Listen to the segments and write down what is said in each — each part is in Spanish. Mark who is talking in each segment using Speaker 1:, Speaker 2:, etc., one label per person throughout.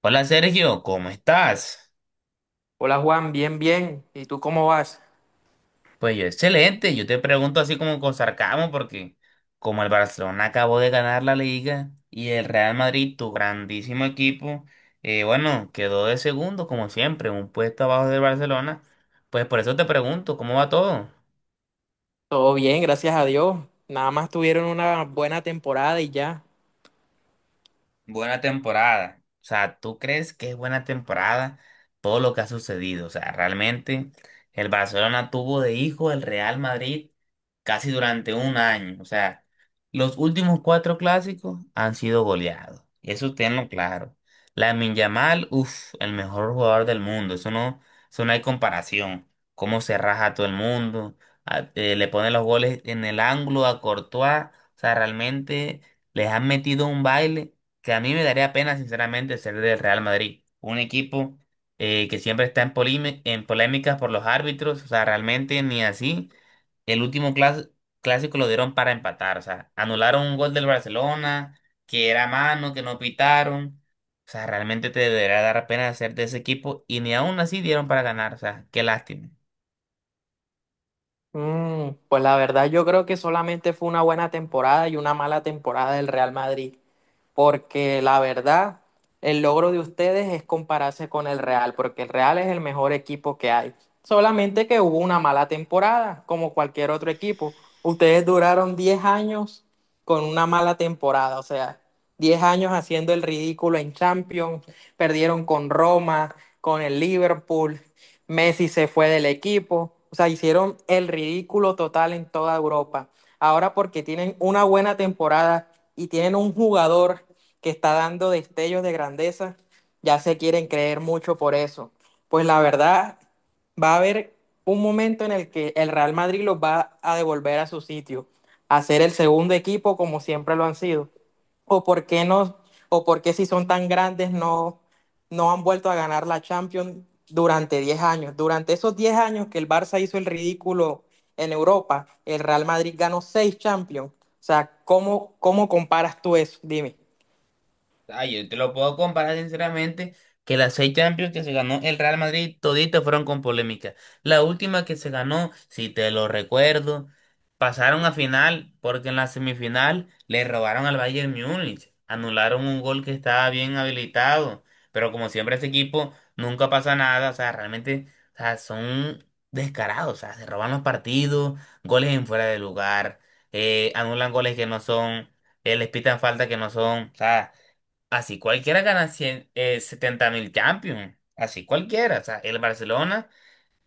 Speaker 1: Hola Sergio, ¿cómo estás?
Speaker 2: Hola Juan, bien, bien. ¿Y tú cómo vas?
Speaker 1: Pues yo excelente, yo te pregunto así como con sarcasmo porque como el Barcelona acabó de ganar la liga y el Real Madrid, tu grandísimo equipo, bueno, quedó de segundo como siempre, un puesto abajo del Barcelona, pues por eso te pregunto, ¿cómo va todo?
Speaker 2: Todo bien, gracias a Dios. Nada más tuvieron una buena temporada y ya.
Speaker 1: Buena temporada. O sea, ¿tú crees que es buena temporada todo lo que ha sucedido? O sea, realmente el Barcelona tuvo de hijo el Real Madrid casi durante un año. O sea, los últimos cuatro clásicos han sido goleados. Eso tenlo claro. Lamine Yamal, uff, el mejor jugador del mundo. Eso no hay comparación. Cómo se raja a todo el mundo. Le pone los goles en el ángulo a Courtois. O sea, realmente les han metido un baile que a mí me daría pena, sinceramente, ser del Real Madrid. Un equipo que siempre está en polémicas por los árbitros, o sea, realmente ni así. El último clásico lo dieron para empatar, o sea, anularon un gol del Barcelona, que era mano, que no pitaron. O sea, realmente te debería dar pena ser de ese equipo y ni aún así dieron para ganar, o sea, qué lástima.
Speaker 2: Pues la verdad yo creo que solamente fue una buena temporada y una mala temporada del Real Madrid, porque la verdad, el logro de ustedes es compararse con el Real, porque el Real es el mejor equipo que hay. Solamente que hubo una mala temporada, como cualquier otro equipo. Ustedes duraron 10 años con una mala temporada, o sea, 10 años haciendo el ridículo en Champions, perdieron con Roma, con el Liverpool, Messi se fue del equipo, o sea, hicieron el ridículo total en toda Europa. Ahora porque tienen una buena temporada y tienen un jugador que está dando destellos de grandeza, ya se quieren creer mucho por eso. Pues la verdad, va a haber un momento en el que el Real Madrid los va a devolver a su sitio, a ser el segundo equipo como siempre lo han sido. ¿O por qué no? ¿O por qué si son tan grandes no no han vuelto a ganar la Champions durante 10 años? Durante esos 10 años que el Barça hizo el ridículo en Europa, el Real Madrid ganó 6 Champions. O sea, ¿cómo comparas tú eso? Dime.
Speaker 1: Ah, yo te lo puedo comparar sinceramente que las seis Champions que se ganó el Real Madrid toditas fueron con polémica. La última que se ganó, si te lo recuerdo, pasaron a final porque en la semifinal le robaron al Bayern Múnich, anularon un gol que estaba bien habilitado, pero como siempre ese equipo nunca pasa nada, o sea, realmente, o sea, son descarados, o sea, se roban los partidos, goles en fuera de lugar, anulan goles que no son, les pitan falta que no son, o sea. Así cualquiera gana 100 70 mil Champions. Así cualquiera. O sea, el Barcelona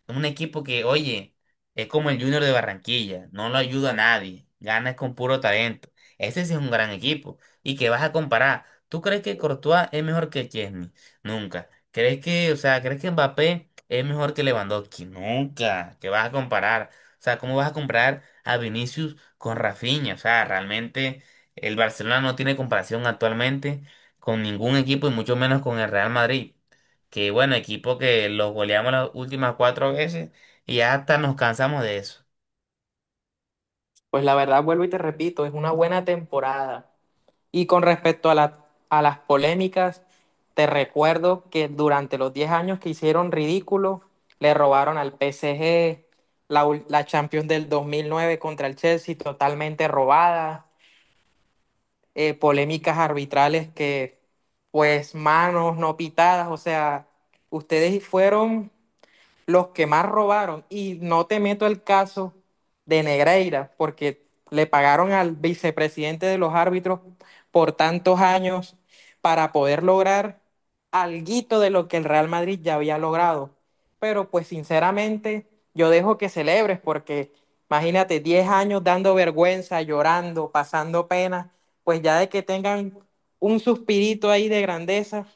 Speaker 1: un equipo que, oye, es como el Junior de Barranquilla, no lo ayuda a nadie, ganas con puro talento. Ese sí es un gran equipo. ¿Y que vas a comparar? ¿Tú crees que Courtois es mejor que Chesney? Nunca. ¿Crees que, o sea, crees que Mbappé es mejor que Lewandowski? Nunca. ¿Qué vas a comparar? O sea, ¿cómo vas a comparar a Vinicius con Rafinha? O sea, realmente el Barcelona no tiene comparación actualmente con ningún equipo y mucho menos con el Real Madrid. Que bueno, equipo que los goleamos las últimas cuatro veces y ya hasta nos cansamos de eso.
Speaker 2: Pues la verdad, vuelvo y te repito, es una buena temporada. Y con respecto a la- a las polémicas, te recuerdo que durante los 10 años que hicieron ridículo, le robaron al PSG la Champions del 2009 contra el Chelsea, totalmente robada, polémicas arbitrales que, pues, manos no pitadas, o sea, ustedes fueron los que más robaron, y no te meto el caso de Negreira, porque le pagaron al vicepresidente de los árbitros por tantos años para poder lograr alguito de lo que el Real Madrid ya había logrado. Pero pues sinceramente yo dejo que celebres porque, imagínate, 10 años dando vergüenza, llorando, pasando pena, pues ya de que tengan un suspirito ahí de grandeza,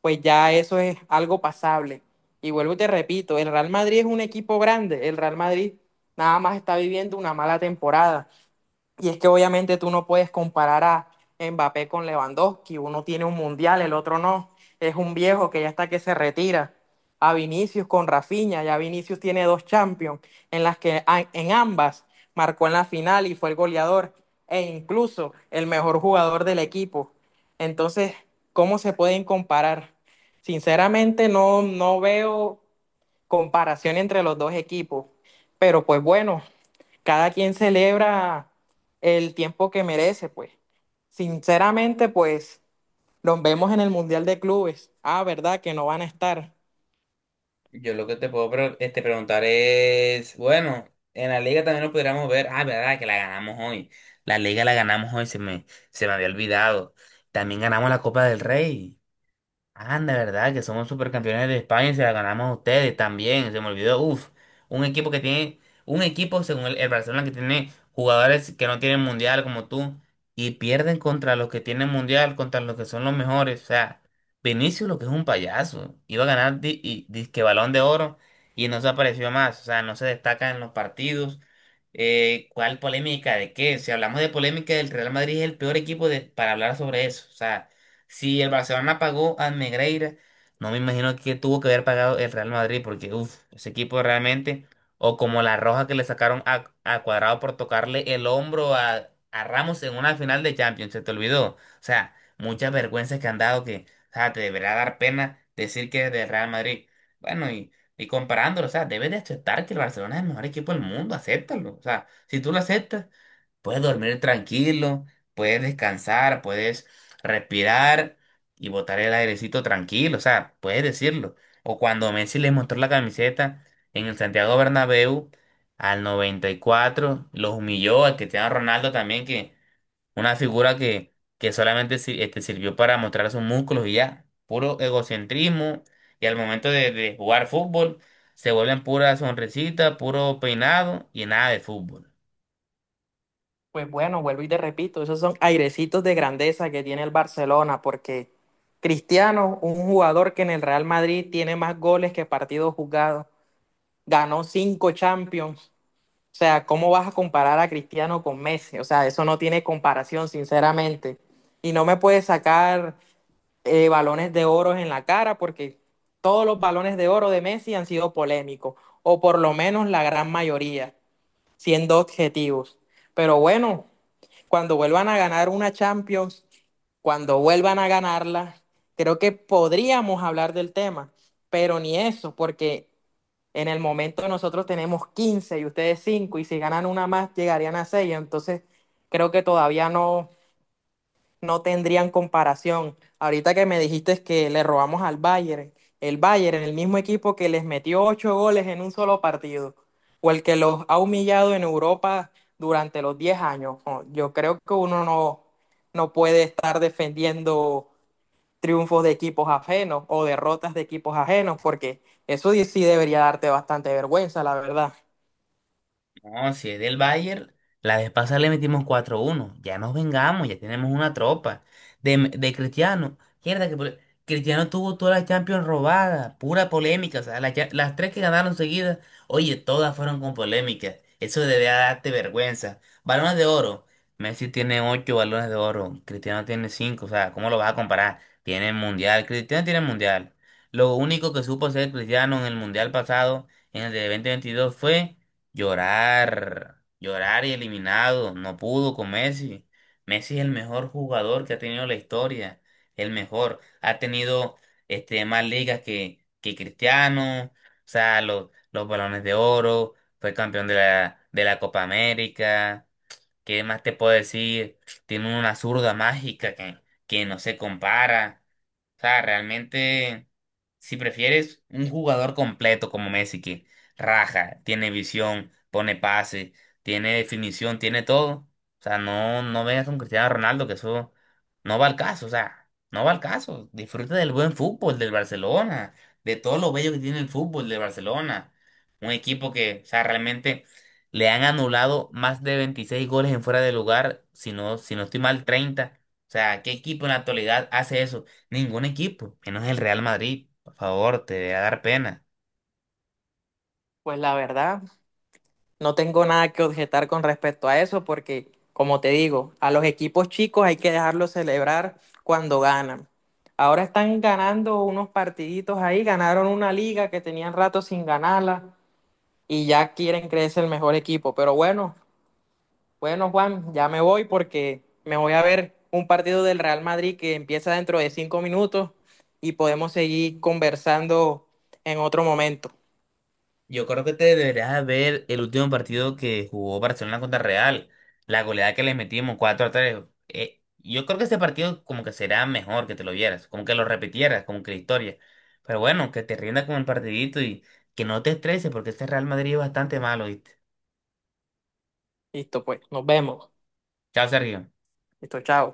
Speaker 2: pues ya eso es algo pasable. Y vuelvo y te repito, el Real Madrid es un equipo grande, el Real Madrid nada más está viviendo una mala temporada. Y es que obviamente tú no puedes comparar a Mbappé con Lewandowski. Uno tiene un mundial, el otro no. Es un viejo que ya está que se retira. A Vinicius con Rafinha. Ya Vinicius tiene dos Champions en las que en ambas marcó en la final y fue el goleador e incluso el mejor jugador del equipo. Entonces, ¿cómo se pueden comparar? Sinceramente no, no veo comparación entre los dos equipos. Pero pues bueno, cada quien celebra el tiempo que merece, pues. Sinceramente, pues los vemos en el Mundial de Clubes. Ah, ¿verdad? Que no van a estar.
Speaker 1: Yo lo que te puedo preguntar es, bueno, en la liga también lo pudiéramos ver. Ah, verdad, que la ganamos hoy. La liga la ganamos hoy, se me había olvidado. También ganamos la Copa del Rey. Anda, ¿verdad? Que somos supercampeones de España y se la ganamos a ustedes también. Se me olvidó. Uf, un equipo que tiene, un equipo según el Barcelona que tiene jugadores que no tienen mundial como tú y pierden contra los que tienen mundial, contra los que son los mejores. O sea, Vinicius lo que es un payaso. Iba a ganar disque balón de oro y no se apareció más. O sea, no se destaca en los partidos. ¿Cuál polémica de qué? Si hablamos de polémica, el Real Madrid es el peor equipo para hablar sobre eso. O sea. Si el Barcelona pagó al Negreira, no me imagino que tuvo que haber pagado el Real Madrid, porque uff, ese equipo realmente, o como la roja que le sacaron a Cuadrado por tocarle el hombro a Ramos en una final de Champions, se te olvidó. O sea, muchas vergüenzas que han dado que, o sea, te deberá dar pena decir que es del Real Madrid. Bueno, y comparándolo, o sea, debes de aceptar que el Barcelona es el mejor equipo del mundo, acéptalo. O sea, si tú lo aceptas, puedes dormir tranquilo, puedes descansar, puedes respirar y botar el airecito tranquilo, o sea, puedes decirlo. O cuando Messi le mostró la camiseta en el Santiago Bernabéu al 94, los humilló al Cristiano Ronaldo también, que una figura que solamente sirvió para mostrar sus músculos y ya, puro egocentrismo, y al momento de jugar fútbol se vuelven pura sonrisita, puro peinado y nada de fútbol.
Speaker 2: Pues bueno, vuelvo y te repito, esos son airecitos de grandeza que tiene el Barcelona, porque Cristiano, un jugador que en el Real Madrid tiene más goles que partidos jugados, ganó cinco Champions. O sea, ¿cómo vas a comparar a Cristiano con Messi? O sea, eso no tiene comparación, sinceramente. Y no me puedes sacar balones de oro en la cara, porque todos los balones de oro de Messi han sido polémicos, o por lo menos la gran mayoría, siendo objetivos. Pero bueno, cuando vuelvan a ganar una Champions, cuando vuelvan a ganarla, creo que podríamos hablar del tema, pero ni eso, porque en el momento nosotros tenemos 15 y ustedes cinco, y si ganan una más llegarían a 6. Entonces creo que todavía no, no tendrían comparación. Ahorita que me dijiste que le robamos al Bayern, el mismo equipo que les metió ocho goles en un solo partido, o el que los ha humillado en Europa durante los 10 años, no, yo creo que uno no, no puede estar defendiendo triunfos de equipos ajenos o derrotas de equipos ajenos, porque eso sí debería darte bastante vergüenza, la verdad.
Speaker 1: No, si es del Bayern, la vez pasada le metimos 4-1. Ya nos vengamos, ya tenemos una tropa. De Cristiano, mierda que pole- Cristiano tuvo toda la Champions robada, pura polémica. O sea, las tres que ganaron seguidas, oye, todas fueron con polémica. Eso debe darte vergüenza. Balones de oro. Messi tiene ocho balones de oro, Cristiano tiene cinco. O sea, ¿cómo lo vas a comparar? Tiene el mundial, Cristiano tiene el mundial. Lo único que supo hacer Cristiano en el mundial pasado, en el de 2022, fue. Llorar, llorar y eliminado, no pudo con Messi. Messi es el mejor jugador que ha tenido la historia, el mejor. Ha tenido más ligas que Cristiano, o sea, los balones de oro, fue campeón de la Copa América. ¿Qué más te puedo decir? Tiene una zurda mágica que no se compara. O sea, realmente, si prefieres un jugador completo como Messi, que raja, tiene visión, pone pase, tiene definición, tiene todo. O sea, no, no vengas con Cristiano Ronaldo, que eso no va al caso. O sea, no va al caso. Disfruta del buen fútbol del Barcelona, de todo lo bello que tiene el fútbol del Barcelona. Un equipo que, o sea, realmente le han anulado más de 26 goles en fuera de lugar, si no estoy mal, 30. O sea, ¿qué equipo en la actualidad hace eso? Ningún equipo, menos el Real Madrid. Por favor, te debe dar pena.
Speaker 2: Pues la verdad, no tengo nada que objetar con respecto a eso porque, como te digo, a los equipos chicos hay que dejarlos celebrar cuando ganan. Ahora están ganando unos partiditos ahí, ganaron una liga que tenían rato sin ganarla y ya quieren creerse el mejor equipo. Pero bueno, bueno Juan, ya me voy porque me voy a ver un partido del Real Madrid que empieza dentro de 5 minutos y podemos seguir conversando en otro momento.
Speaker 1: Yo creo que te deberías ver el último partido que jugó Barcelona contra Real. La goleada que le metimos, 4-3. Yo creo que ese partido como que será mejor que te lo vieras, como que lo repitieras, como que la historia. Pero bueno, que te rinda con el partidito y que no te estreses porque este Real Madrid es bastante malo, ¿viste?
Speaker 2: Listo, pues, nos vemos.
Speaker 1: Chao, Sergio.
Speaker 2: Listo, chao.